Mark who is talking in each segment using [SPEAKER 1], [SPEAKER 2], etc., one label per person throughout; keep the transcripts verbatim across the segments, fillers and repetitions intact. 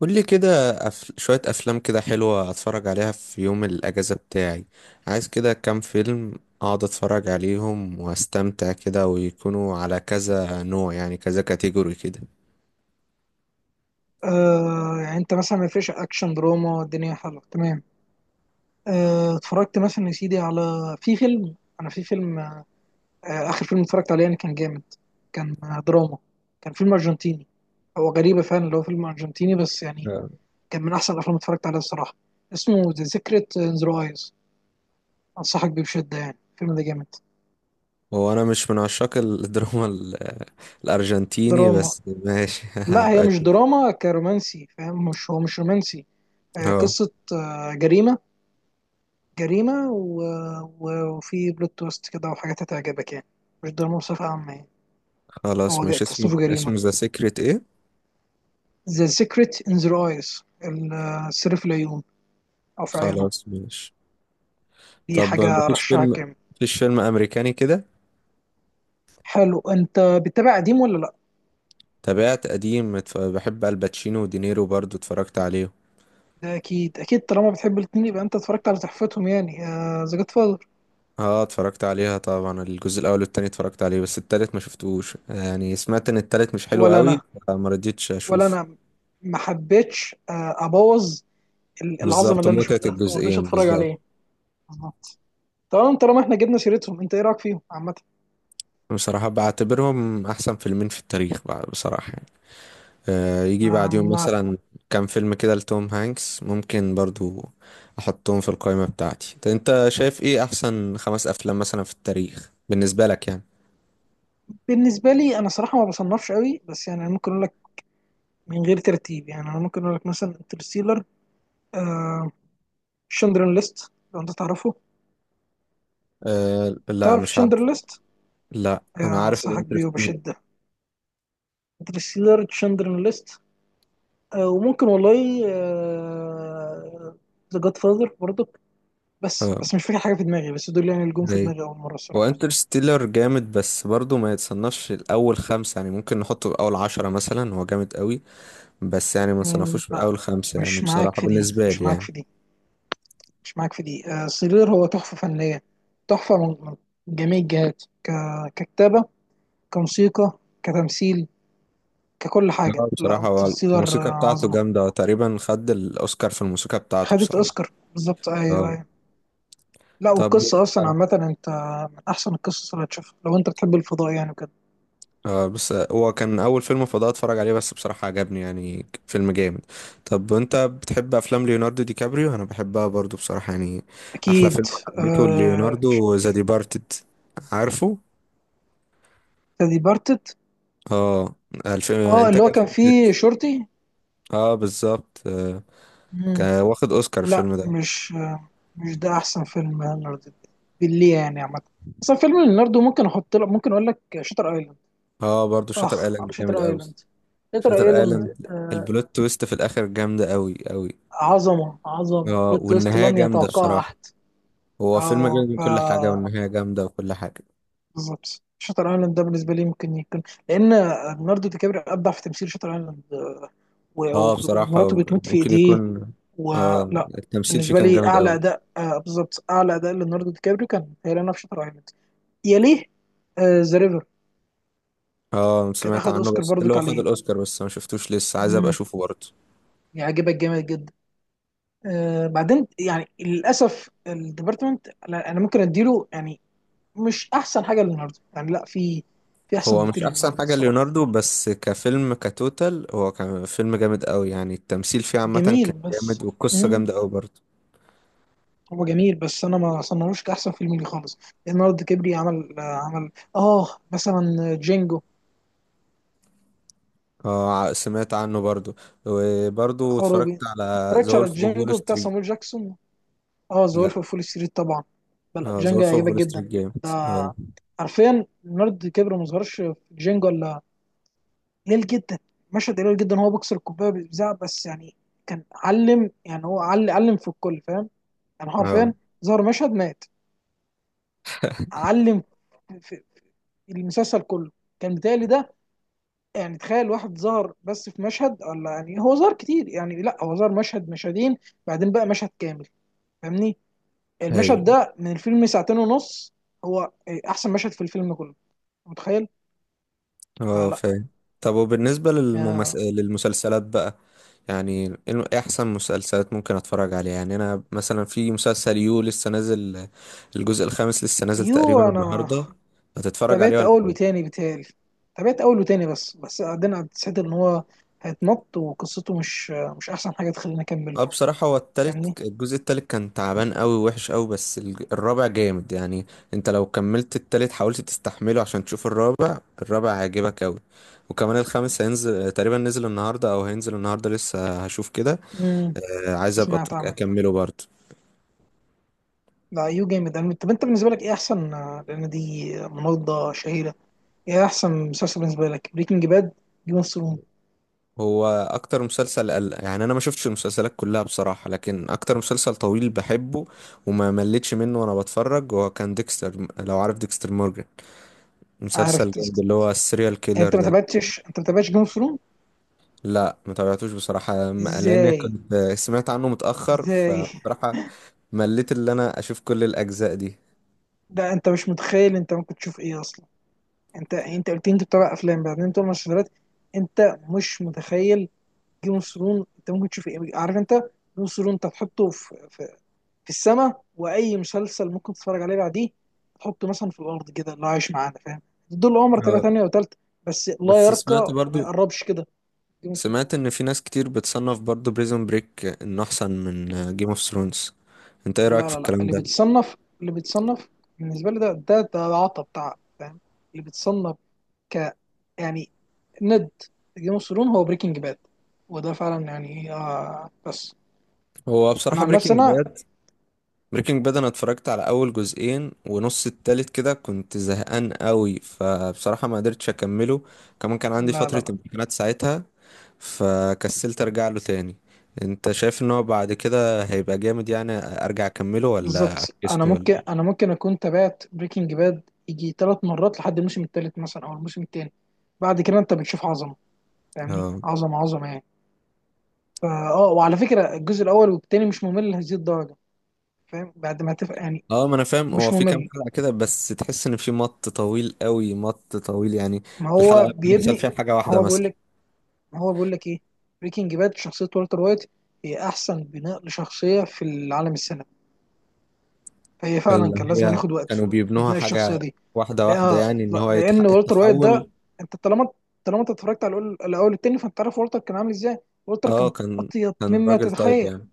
[SPEAKER 1] قول لي كده. أف... شوية أفلام كده حلوة أتفرج عليها في يوم الأجازة بتاعي. عايز كده كام فيلم أقعد أتفرج عليهم وأستمتع كده، ويكونوا على كذا نوع، يعني كذا كاتيجوري كده.
[SPEAKER 2] آه يعني انت مثلا ما فيش اكشن دراما، الدنيا حلوه تمام. آه، اتفرجت مثلا يا سيدي على في فيلم انا في فيلم آه آه، اخر فيلم اتفرجت عليه يعني كان جامد. كان آه دراما، كان فيلم ارجنتيني. هو غريبه فعلا اللي هو فيلم ارجنتيني بس يعني
[SPEAKER 1] آه.
[SPEAKER 2] كان من احسن الافلام اللي اتفرجت عليها الصراحه. اسمه ذا سيكريت ان ذا ايز. انصحك بيه بشده، يعني الفيلم ده جامد.
[SPEAKER 1] هو أنا مش من عشاق الدراما ال... الأرجنتيني،
[SPEAKER 2] دراما؟
[SPEAKER 1] بس ماشي
[SPEAKER 2] لا هي
[SPEAKER 1] هبقى
[SPEAKER 2] مش
[SPEAKER 1] أشوف.
[SPEAKER 2] دراما كرومانسي، فاهم؟ مش هو مش رومانسي. آه،
[SPEAKER 1] أه.
[SPEAKER 2] قصه آه جريمه. جريمة و... و- وفي بلوت تويست كده وحاجات هتعجبك يعني، مش دراما بصفة عامة يعني.
[SPEAKER 1] خلاص
[SPEAKER 2] هو جا-
[SPEAKER 1] ماشي، اسمه
[SPEAKER 2] تصنيفه جريمة.
[SPEAKER 1] اسمه ذا سيكريت إيه؟
[SPEAKER 2] The Secret in Their Eyes. ال- السر في العيون، أو في عيونهم.
[SPEAKER 1] خلاص ماشي.
[SPEAKER 2] دي
[SPEAKER 1] طب
[SPEAKER 2] حاجة
[SPEAKER 1] مفيش
[SPEAKER 2] أرشحك
[SPEAKER 1] فيلم
[SPEAKER 2] جامد.
[SPEAKER 1] مفيش فيلم أمريكاني كده؟
[SPEAKER 2] حلو، أنت بتتابع قديم ولا لأ؟
[SPEAKER 1] تابعت قديم، اتف- بحب الباتشينو ودينيرو، برضو اتفرجت عليه.
[SPEAKER 2] ده أكيد أكيد، طالما بتحب الاتنين يبقى أنت اتفرجت على تحفتهم يعني، ذا جاد فاذر.
[SPEAKER 1] اه، اتفرجت عليها طبعا، الجزء الاول والتاني اتفرجت عليه، بس التالت ما شفتوش، يعني سمعت ان التالت مش حلو
[SPEAKER 2] ولا
[SPEAKER 1] قوي.
[SPEAKER 2] أنا،
[SPEAKER 1] فما رضيتش
[SPEAKER 2] ولا
[SPEAKER 1] اشوفه.
[SPEAKER 2] أنا، ما حبيتش آه، أبوظ ال- العظمة
[SPEAKER 1] بالظبط،
[SPEAKER 2] اللي أنا
[SPEAKER 1] متعة
[SPEAKER 2] شفتها، فما رضيتش
[SPEAKER 1] الجزئين
[SPEAKER 2] أتفرج
[SPEAKER 1] بالظبط.
[SPEAKER 2] عليه. بالظبط. تمام، طالما إحنا جبنا سيرتهم، أنت إيه رأيك فيهم عامة؟
[SPEAKER 1] بصراحة بعتبرهم احسن فيلمين في التاريخ، بع- بصراحة يعني. آه، يجي بعديهم
[SPEAKER 2] ما
[SPEAKER 1] مثلا كام فيلم كده لتوم هانكس، ممكن برضو احطهم في القائمة بتاعتي. طب انت شايف ايه احسن خمس افلام مثلا في التاريخ بالنسبة لك يعني؟
[SPEAKER 2] بالنسبه لي انا صراحه ما بصنفش قوي، بس يعني أنا ممكن اقول لك من غير ترتيب، يعني انا ممكن اقول لك مثلا انترستيلر. آه، شندرن ليست، لو انت تعرفه.
[SPEAKER 1] آه، لا
[SPEAKER 2] تعرف
[SPEAKER 1] مش عارف.
[SPEAKER 2] تشندرن ليست؟
[SPEAKER 1] لا، انا
[SPEAKER 2] آه،
[SPEAKER 1] عارف
[SPEAKER 2] انصحك بيه
[SPEAKER 1] الانترستيلر.
[SPEAKER 2] وبشده. انترستيلر، تشندرن ليست. آه وممكن والله ذا جاد فاذر برضك. بس
[SPEAKER 1] اه،
[SPEAKER 2] بس مش فاكر حاجه في دماغي، بس دول يعني اللي جم في
[SPEAKER 1] إيه؟
[SPEAKER 2] دماغي اول مره
[SPEAKER 1] هو
[SPEAKER 2] الصراحه.
[SPEAKER 1] انترستيلر جامد، بس برضه ما يتصنفش الأول خمسة، يعني ممكن نحطه في أول عشرة مثلا، هو جامد قوي. بس يعني ما
[SPEAKER 2] مم،
[SPEAKER 1] تصنفوش في
[SPEAKER 2] لا،
[SPEAKER 1] أول خمسة، يعني
[SPEAKER 2] مش معاك
[SPEAKER 1] بصراحة
[SPEAKER 2] في دي
[SPEAKER 1] بالنسبة
[SPEAKER 2] مش
[SPEAKER 1] لي
[SPEAKER 2] معاك
[SPEAKER 1] يعني.
[SPEAKER 2] في دي مش معاك في دي. آه سيلر هو تحفه فنيه، تحفه من من جميع الجهات. ك- ككتابه، كموسيقى، كتمثيل، ككل حاجه.
[SPEAKER 1] اه،
[SPEAKER 2] لا،
[SPEAKER 1] بصراحة هو
[SPEAKER 2] انترستيلر
[SPEAKER 1] الموسيقى بتاعته
[SPEAKER 2] عظمه.
[SPEAKER 1] جامدة، هو تقريبا خد الأوسكار في الموسيقى بتاعته
[SPEAKER 2] خدت
[SPEAKER 1] بصراحة.
[SPEAKER 2] اوسكار بالظبط، ايوه
[SPEAKER 1] اه.
[SPEAKER 2] ايوه. لا
[SPEAKER 1] طب.
[SPEAKER 2] والقصه اصلا
[SPEAKER 1] اه.
[SPEAKER 2] عامه، انت من احسن القصص اللي هتشوفها لو انت بتحب الفضاء يعني كده.
[SPEAKER 1] آه، بس هو كان أول فيلم فضاء أتفرج عليه، بس بصراحة عجبني، يعني فيلم جامد. طب أنت بتحب أفلام ليوناردو دي كابريو؟ أنا بحبها برضه بصراحة يعني. أحلى
[SPEAKER 2] اكيد.
[SPEAKER 1] فيلم حبيته
[SPEAKER 2] آه،
[SPEAKER 1] ليوناردو ذا ديبارتد. عارفه؟
[SPEAKER 2] دي بارتت.
[SPEAKER 1] اه، الفيلم
[SPEAKER 2] اه، اللي
[SPEAKER 1] انتاج
[SPEAKER 2] هو كان فيه
[SPEAKER 1] ألفين وستة.
[SPEAKER 2] شرطي.
[SPEAKER 1] اه، بالظبط آه.
[SPEAKER 2] مم.
[SPEAKER 1] كان واخد اوسكار
[SPEAKER 2] لا،
[SPEAKER 1] الفيلم ده.
[SPEAKER 2] مش آه، مش ده احسن فيلم ليوناردو بالليه يعني عامه. اصلا فيلم ليوناردو ممكن احط لك، ممكن اقول لك شاتر ايلاند.
[SPEAKER 1] اه، برضو شاتر
[SPEAKER 2] اخ على
[SPEAKER 1] ايلاند جامد
[SPEAKER 2] شاتر
[SPEAKER 1] قوي.
[SPEAKER 2] ايلاند، شاتر
[SPEAKER 1] شاتر
[SPEAKER 2] ايلاند.
[SPEAKER 1] ايلاند البلوت تويست في الاخر جامده قوي قوي.
[SPEAKER 2] عظمة عظمة،
[SPEAKER 1] اه،
[SPEAKER 2] بلوت تويست
[SPEAKER 1] والنهايه
[SPEAKER 2] لن
[SPEAKER 1] جامده
[SPEAKER 2] يتوقع
[SPEAKER 1] بصراحه.
[SPEAKER 2] أحد.
[SPEAKER 1] هو فيلم
[SPEAKER 2] اه
[SPEAKER 1] جامد من
[SPEAKER 2] ف
[SPEAKER 1] كل حاجه، والنهايه جامده وكل حاجه.
[SPEAKER 2] بالظبط. شاتر ايلاند ده بالنسبة لي ممكن يكون، لأن ليوناردو دي كابريو أبدع في تمثيل شاتر ايلاند. آه، و-
[SPEAKER 1] اه
[SPEAKER 2] و- ومراته
[SPEAKER 1] بصراحه،
[SPEAKER 2] بتموت في
[SPEAKER 1] ممكن
[SPEAKER 2] إيديه.
[SPEAKER 1] يكون. اه،
[SPEAKER 2] ولا
[SPEAKER 1] التمثيل فيه
[SPEAKER 2] بالنسبة
[SPEAKER 1] كان
[SPEAKER 2] لي
[SPEAKER 1] جامد
[SPEAKER 2] أعلى
[SPEAKER 1] قوي.
[SPEAKER 2] أداء، آه بالظبط، أعلى أداء ليوناردو دي كابريو كان هيلانا في شاتر ايلاند. يليه آه، ذا ريفر،
[SPEAKER 1] اه،
[SPEAKER 2] كان
[SPEAKER 1] سمعت
[SPEAKER 2] أخد
[SPEAKER 1] عنه،
[SPEAKER 2] أوسكار
[SPEAKER 1] بس اللي
[SPEAKER 2] برضك
[SPEAKER 1] هو خد
[SPEAKER 2] عليه.
[SPEAKER 1] الاوسكار، بس ما شفتوش لسه، عايز ابقى
[SPEAKER 2] مم.
[SPEAKER 1] اشوفه برضه.
[SPEAKER 2] يعجبك جامد جدا. آه، بعدين يعني للأسف الديبارتمنت، أنا أنا ممكن أديله يعني مش احسن حاجه للنهارده، يعني لا، في في احسن
[SPEAKER 1] هو مش
[SPEAKER 2] بكتير
[SPEAKER 1] احسن
[SPEAKER 2] للنهارده
[SPEAKER 1] حاجة
[SPEAKER 2] الصراحه.
[SPEAKER 1] ليوناردو، بس كفيلم كتوتال هو كان فيلم جامد قوي، يعني التمثيل فيه عامة
[SPEAKER 2] جميل
[SPEAKER 1] كان جامد،
[SPEAKER 2] بس.
[SPEAKER 1] والقصة
[SPEAKER 2] مم.
[SPEAKER 1] جامدة قوي برضه.
[SPEAKER 2] هو جميل بس انا ما صنعوش كاحسن فيلم لي خالص. النهارده كبري عمل آه، عمل اه مثلا جينجو.
[SPEAKER 1] اه، ع- سمعت عنه برضه. وبرضه اتفرجت
[SPEAKER 2] خرابي،
[SPEAKER 1] على ذا
[SPEAKER 2] اتفرجتش على
[SPEAKER 1] وولف اوف وول
[SPEAKER 2] جينجو بتاع
[SPEAKER 1] ستريت.
[SPEAKER 2] سامويل جاكسون؟ اه ذا
[SPEAKER 1] لا.
[SPEAKER 2] وولف اوف وول ستريت طبعا. لا،
[SPEAKER 1] اه، ذا
[SPEAKER 2] جينجو
[SPEAKER 1] وولف اوف
[SPEAKER 2] هيعجبك
[SPEAKER 1] وول ستريت
[SPEAKER 2] جدا.
[SPEAKER 1] جامد
[SPEAKER 2] ده
[SPEAKER 1] اه.
[SPEAKER 2] حرفيا النرد كبر ما ظهرش في جينجو الا قليل جدا، مشهد قليل جدا. هو بيكسر الكوبايه بيزعق، بس يعني كان علم. يعني هو عل- علم في الكل، فاهم؟ يعني
[SPEAKER 1] اه.
[SPEAKER 2] حرفيا ظهر مشهد مات، علم في المسلسل كله. كان بيتهيألي ده يعني تخيل واحد ظهر بس في مشهد، ولا يعني هو ظهر كتير؟ يعني لا، هو ظهر مشهد مشهدين بعدين بقى مشهد كامل، فاهمني؟ المشهد
[SPEAKER 1] ايوه.
[SPEAKER 2] ده من الفيلم ساعتين ونص، هو احسن مشهد في الفيلم كله، متخيل؟
[SPEAKER 1] اه،
[SPEAKER 2] فلا.
[SPEAKER 1] فاهم. طب وبالنسبة للممس...
[SPEAKER 2] آه،
[SPEAKER 1] للمسلسلات بقى. يعني الم- إيه احسن مسلسلات ممكن اتفرج عليها؟ يعني انا مثلا في مسلسل يو لسه نازل. الجزء الخامس لسه نازل
[SPEAKER 2] يو،
[SPEAKER 1] تقريبا
[SPEAKER 2] انا
[SPEAKER 1] النهارده. هتتفرج عليه
[SPEAKER 2] تابعت
[SPEAKER 1] ولا
[SPEAKER 2] اول
[SPEAKER 1] ايه؟
[SPEAKER 2] وتاني بيتهيألي. تابعت اول وتاني بس بس بعدين حسيت ان هو هيتمط وقصته مش مش احسن حاجه تخليني اكمله،
[SPEAKER 1] اه، بصراحة هو
[SPEAKER 2] فاهمني؟
[SPEAKER 1] التالت، الجزء التالت كان تعبان قوي وحش قوي، بس الج- الرابع جامد يعني. انت لو كملت التالت حاولت تستحمله عشان تشوف الرابع، الرابع هيعجبك قوي. وكمان الخامس هينزل تقريبا، نزل النهارده او هينزل النهارده، لسه هشوف كده.
[SPEAKER 2] مم.
[SPEAKER 1] آه، عايز ابقى أت-
[SPEAKER 2] سمعت عنه.
[SPEAKER 1] اكمله برضه.
[SPEAKER 2] لا، يو جامد. أنا- طب انت بالنسبه لك ايه احسن آه، لان دي مناضله شهيره، ايه احسن مسلسل بالنسبه لك؟ بريكنج باد، جيم اوف ثرونز.
[SPEAKER 1] هو اكتر مسلسل قل... يعني انا ما شفتش المسلسلات كلها بصراحة، لكن اكتر مسلسل طويل بحبه وما مليتش منه وانا بتفرج هو كان ديكستر، لو عارف ديكستر مورجان.
[SPEAKER 2] عارف
[SPEAKER 1] مسلسل جامد،
[SPEAKER 2] تس-
[SPEAKER 1] اللي هو السيريال كيلر
[SPEAKER 2] انت ما
[SPEAKER 1] ده.
[SPEAKER 2] تابعتش، انت ما تابعتش جيم اوف ثرونز؟
[SPEAKER 1] لا، ما تابعتوش بصراحة، ما- لان
[SPEAKER 2] ازاي،
[SPEAKER 1] كنت سمعت عنه متأخر
[SPEAKER 2] ازاي
[SPEAKER 1] فبصراحة مليت اللي انا اشوف كل الاجزاء دي.
[SPEAKER 2] ده انت مش متخيل انت ممكن تشوف ايه اصلا. انت انت قلت لي انت بتتابع افلام، بعدين انت بتتابع مسلسلات، انت مش متخيل. جيم اوف ثرونز انت ممكن تشوف ايه، عارف؟ انت جيم اوف ثرونز انت تحطه في في السماء، واي مسلسل ممكن تتفرج عليه بعديه تحطه مثلا في الارض كده اللي هو عايش معانا، فاهم؟ دول عمر تبقى
[SPEAKER 1] آه،
[SPEAKER 2] تانية وتالتة، بس لا
[SPEAKER 1] بس سمعت
[SPEAKER 2] يرقى،
[SPEAKER 1] برضو،
[SPEAKER 2] ما يقربش كده. دي مصيبة.
[SPEAKER 1] سمعت ان في ناس كتير بتصنف برضو بريزون بريك انه احسن من جيم اوف ثرونز. انت ايه رأيك
[SPEAKER 2] لا
[SPEAKER 1] في
[SPEAKER 2] لا لا
[SPEAKER 1] الكلام
[SPEAKER 2] اللي
[SPEAKER 1] ده؟
[SPEAKER 2] بيتصنف، اللي بيتصنف بالنسبه لي، ده ده ده عطب تعب، فاهم؟ اللي بيتصنف ك يعني ند جيم اوف ثرون هو بريكنج باد، وده فعلا يعني آه بس،
[SPEAKER 1] هو
[SPEAKER 2] انا
[SPEAKER 1] بصراحة
[SPEAKER 2] عن نفسي
[SPEAKER 1] بريكنج
[SPEAKER 2] انا.
[SPEAKER 1] باد. بريكنج باد انا اتفرجت على اول جزئين ونص التالت كده، كنت زهقان قوي، فبصراحة ما قدرتش اكمله. كمان كان عندي
[SPEAKER 2] لا لا
[SPEAKER 1] فترة
[SPEAKER 2] لا
[SPEAKER 1] امتحانات ساعتها فكسلت ارجع له تاني. انت شايف ان هو بعد كده هيبقى جامد؟ يعني ارجع اكمله ولا
[SPEAKER 2] بالظبط. انا
[SPEAKER 1] افكسله ولا؟
[SPEAKER 2] ممكن انا ممكن اكون تابعت بريكنج باد يجي ثلاث مرات لحد الموسم الثالث مثلا او الموسم الثاني، بعد كده انت بتشوف عظمه، فاهمني؟
[SPEAKER 1] اه.
[SPEAKER 2] عظمه عظمه يعني. فا اه وعلى فكره الجزء الاول والثاني مش ممل لهذه الدرجه، فاهم؟ بعد ما تف... يعني
[SPEAKER 1] اه، ما انا فاهم، هو
[SPEAKER 2] مش
[SPEAKER 1] في كام
[SPEAKER 2] ممل،
[SPEAKER 1] حلقة كده بس تحس ان في مط طويل قوي، مط طويل يعني.
[SPEAKER 2] ما
[SPEAKER 1] الحلقة
[SPEAKER 2] هو
[SPEAKER 1] بيحصل
[SPEAKER 2] بيبني،
[SPEAKER 1] فيها حاجة
[SPEAKER 2] ما
[SPEAKER 1] واحدة
[SPEAKER 2] هو بيقول
[SPEAKER 1] مثلا.
[SPEAKER 2] لك، ما هو بيقول لك ايه بريكنج باد شخصيه والتر وايت هي احسن بناء لشخصيه في العالم السينمائي. هي فعلا
[SPEAKER 1] اللي
[SPEAKER 2] كان لازم
[SPEAKER 1] هي
[SPEAKER 2] ياخد وقته
[SPEAKER 1] كانوا
[SPEAKER 2] في
[SPEAKER 1] بيبنوها
[SPEAKER 2] بناء الشخصيه
[SPEAKER 1] حاجة
[SPEAKER 2] دي.
[SPEAKER 1] واحدة واحدة،
[SPEAKER 2] لأ
[SPEAKER 1] يعني ان
[SPEAKER 2] لأ-
[SPEAKER 1] هو يتح-
[SPEAKER 2] لان والتر وايت ده،
[SPEAKER 1] التحول.
[SPEAKER 2] انت طالما، طالما انت اتفرجت على الأول- الاول التاني، فانت عارف والتر كان عامل ازاي. والتر
[SPEAKER 1] اه،
[SPEAKER 2] كان
[SPEAKER 1] كان
[SPEAKER 2] اطيب
[SPEAKER 1] كان
[SPEAKER 2] مما
[SPEAKER 1] راجل طيب
[SPEAKER 2] تتخيل.
[SPEAKER 1] يعني.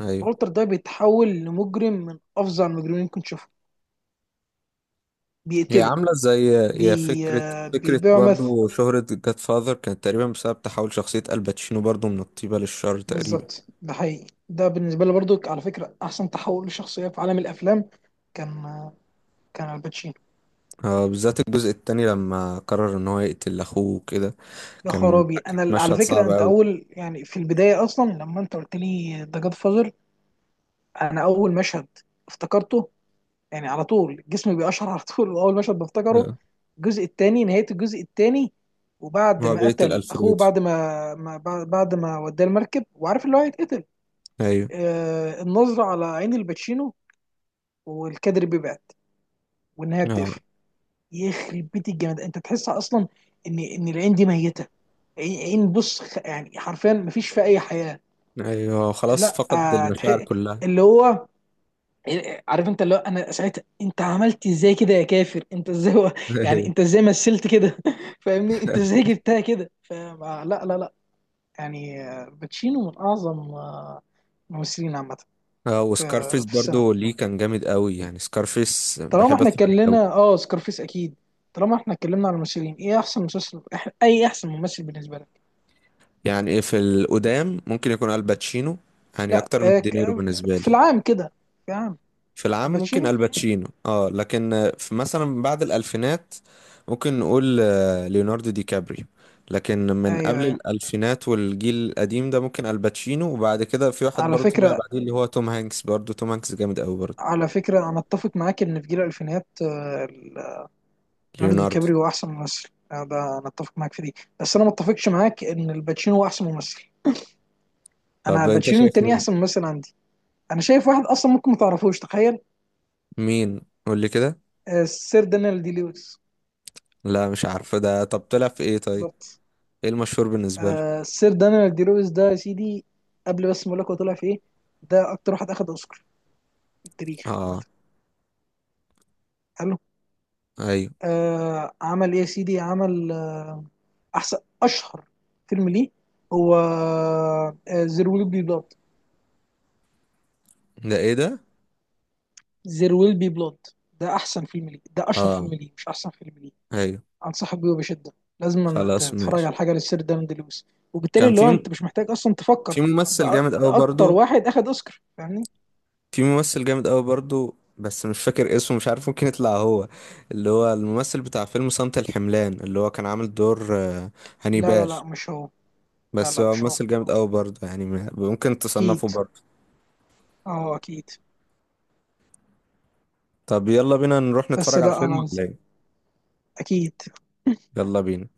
[SPEAKER 1] ايوه.
[SPEAKER 2] والتر ده بيتحول لمجرم من افظع المجرمين اللي ممكن تشوفه.
[SPEAKER 1] هي
[SPEAKER 2] بيقتله،
[SPEAKER 1] عامله زي، هي
[SPEAKER 2] بي...
[SPEAKER 1] فكره.
[SPEAKER 2] آه،
[SPEAKER 1] فكره
[SPEAKER 2] بيبيعه مثل.
[SPEAKER 1] برضو شهره جاد فاذر كانت تقريبا بسبب تحول شخصيه الباتشينو برضو، من الطيبه للشر تقريبا.
[SPEAKER 2] بالظبط، ده حقيقي، ده بالنسبه لي برضو على فكره احسن تحول لشخصيه في عالم الافلام، كان كان الباتشينو.
[SPEAKER 1] آه، بالذات الجزء التاني لما قرر ان هو يقتل اخوه كده،
[SPEAKER 2] يا
[SPEAKER 1] كان
[SPEAKER 2] خرابي، انا
[SPEAKER 1] كانت
[SPEAKER 2] ال- على
[SPEAKER 1] مشهد
[SPEAKER 2] فكره
[SPEAKER 1] صعب
[SPEAKER 2] انت
[SPEAKER 1] قوي.
[SPEAKER 2] اول، يعني في البدايه اصلا لما انت قلت لي ذا جاد فازر، انا اول مشهد افتكرته يعني على طول جسمي بيقشعر على طول، واول مشهد بفتكره
[SPEAKER 1] آه،
[SPEAKER 2] الجزء الثاني، نهايه الجزء الثاني، وبعد
[SPEAKER 1] هو
[SPEAKER 2] ما
[SPEAKER 1] بيقتل
[SPEAKER 2] قتل اخوه،
[SPEAKER 1] الفريدو.
[SPEAKER 2] بعد ما, ما بعد بعد ما وداه المركب وعارف اللي هو هيتقتل،
[SPEAKER 1] ايوه.
[SPEAKER 2] آه النظره على عين الباتشينو، والكادر بيبعد، والنهايه
[SPEAKER 1] اه،
[SPEAKER 2] بتقفل. يخرب بيت الجمال، انت تحس اصلا ان ان العين دي ميته. عين عين بص خ- يعني حرفيا مفيش فيها اي حياه.
[SPEAKER 1] ايوه، خلاص
[SPEAKER 2] لا
[SPEAKER 1] فقد
[SPEAKER 2] آه،
[SPEAKER 1] المشاعر
[SPEAKER 2] تح-
[SPEAKER 1] كلها.
[SPEAKER 2] اللي هو إيه، عارف انت اللي هو انا ساعتها انت عملت ازاي كده يا كافر، انت ازاي و... يعني
[SPEAKER 1] ايوه.
[SPEAKER 2] انت ازاي مثلت كده فاهمني؟ انت ازاي جبتها كده؟ فلا لا لا لا. يعني آه، باتشينو من اعظم آه، الممثلين عامه في
[SPEAKER 1] اه، وسكارفيس
[SPEAKER 2] في السينما.
[SPEAKER 1] برضو ليه كان جامد قوي، يعني سكارفيس
[SPEAKER 2] طالما
[SPEAKER 1] بحب
[SPEAKER 2] احنا
[SPEAKER 1] اتفرج عليه قوي.
[SPEAKER 2] اتكلمنا اه سكارفيس اكيد. طالما احنا اتكلمنا على الممثلين، ايه احسن مسلسل أح- اي احسن ممثل بالنسبه لك؟
[SPEAKER 1] يعني ايه في القدام، ممكن يكون الباتشينو، يعني
[SPEAKER 2] لا
[SPEAKER 1] اكتر من
[SPEAKER 2] آه،
[SPEAKER 1] دينيرو
[SPEAKER 2] ك-
[SPEAKER 1] بالنسبه
[SPEAKER 2] في
[SPEAKER 1] لي.
[SPEAKER 2] العام كده، في العام،
[SPEAKER 1] في العام ممكن
[SPEAKER 2] باتشينو.
[SPEAKER 1] الباتشينو اه، لكن آه، في مثلا بعد الالفينات ممكن نقول آه، ليوناردو دي كابريو. لكن من
[SPEAKER 2] ايوه
[SPEAKER 1] قبل
[SPEAKER 2] ايوه،
[SPEAKER 1] الالفينات والجيل القديم ده ممكن الباتشينو، وبعد كده في واحد
[SPEAKER 2] على
[SPEAKER 1] برضه طلع
[SPEAKER 2] فكره،
[SPEAKER 1] بعديه اللي هو توم هانكس، برضه توم هانكس جامد قوي برضه.
[SPEAKER 2] على فكرة أنا أتفق معاك إن في جيل الألفينيات آه، ال- ليوناردو دي
[SPEAKER 1] ليوناردو.
[SPEAKER 2] كابريو هو أحسن ممثل، آه، ده أنا أتفق معاك في دي. بس أنا ما أتفقش معاك إن الباتشينو هو أحسن ممثل. أنا
[SPEAKER 1] طب انت
[SPEAKER 2] الباتشينو
[SPEAKER 1] شايف
[SPEAKER 2] التاني
[SPEAKER 1] مين؟
[SPEAKER 2] أحسن ممثل عندي. أنا شايف واحد أصلا ممكن ما تعرفوش، تخيل.
[SPEAKER 1] مين؟ قول لي كده.
[SPEAKER 2] آه، السير دانيال دي لويس.
[SPEAKER 1] لا مش عارفه ده، طب طلع في ايه طيب؟
[SPEAKER 2] بالظبط.
[SPEAKER 1] ايه المشهور بالنسبه له؟
[SPEAKER 2] آه، السير دانيال دي لويس ده يا سيدي، قبل بس ما أقول لك هو طلع في إيه، ده أكتر واحد أخد أوسكار في التاريخ
[SPEAKER 1] اه،
[SPEAKER 2] عامة.
[SPEAKER 1] ايوه.
[SPEAKER 2] آه، عمل ايه يا سيدي؟ عمل آه احسن، اشهر فيلم ليه هو زير ويل بي بلاد.
[SPEAKER 1] ده ايه ده؟
[SPEAKER 2] زير ويل بي بلاد، ده احسن فيلم ليه، ده اشهر
[SPEAKER 1] اه،
[SPEAKER 2] فيلم ليه، مش احسن فيلم ليه.
[SPEAKER 1] ايوه،
[SPEAKER 2] انصحك بيه بشده، لازم أنت
[SPEAKER 1] خلاص
[SPEAKER 2] تتفرج
[SPEAKER 1] ماشي.
[SPEAKER 2] على حاجه للسير دايموند لويس، وبالتالي
[SPEAKER 1] كان
[SPEAKER 2] اللي هو انت
[SPEAKER 1] في
[SPEAKER 2] مش محتاج اصلا تفكر.
[SPEAKER 1] في ممثل
[SPEAKER 2] ده
[SPEAKER 1] جامد قوي
[SPEAKER 2] ده اكتر
[SPEAKER 1] برضو.
[SPEAKER 2] واحد اخد اوسكار، فاهمني؟
[SPEAKER 1] في ممثل جامد قوي برضو، بس مش فاكر اسمه، مش عارف ممكن يطلع هو، اللي هو الممثل بتاع فيلم صمت الحملان، اللي هو كان عامل دور آه،
[SPEAKER 2] لا لا
[SPEAKER 1] هانيبال.
[SPEAKER 2] لا مش هو، لا
[SPEAKER 1] بس
[SPEAKER 2] لا
[SPEAKER 1] هو
[SPEAKER 2] مش هو.
[SPEAKER 1] ممثل جامد قوي برضو، يعني م- ممكن تصنفه
[SPEAKER 2] اكيد،
[SPEAKER 1] برضو.
[SPEAKER 2] اه اكيد.
[SPEAKER 1] طب يلا بينا نروح
[SPEAKER 2] بس
[SPEAKER 1] نتفرج على
[SPEAKER 2] لا
[SPEAKER 1] الفيلم
[SPEAKER 2] انا،
[SPEAKER 1] ولا ايه؟
[SPEAKER 2] اكيد.
[SPEAKER 1] يلا بينا.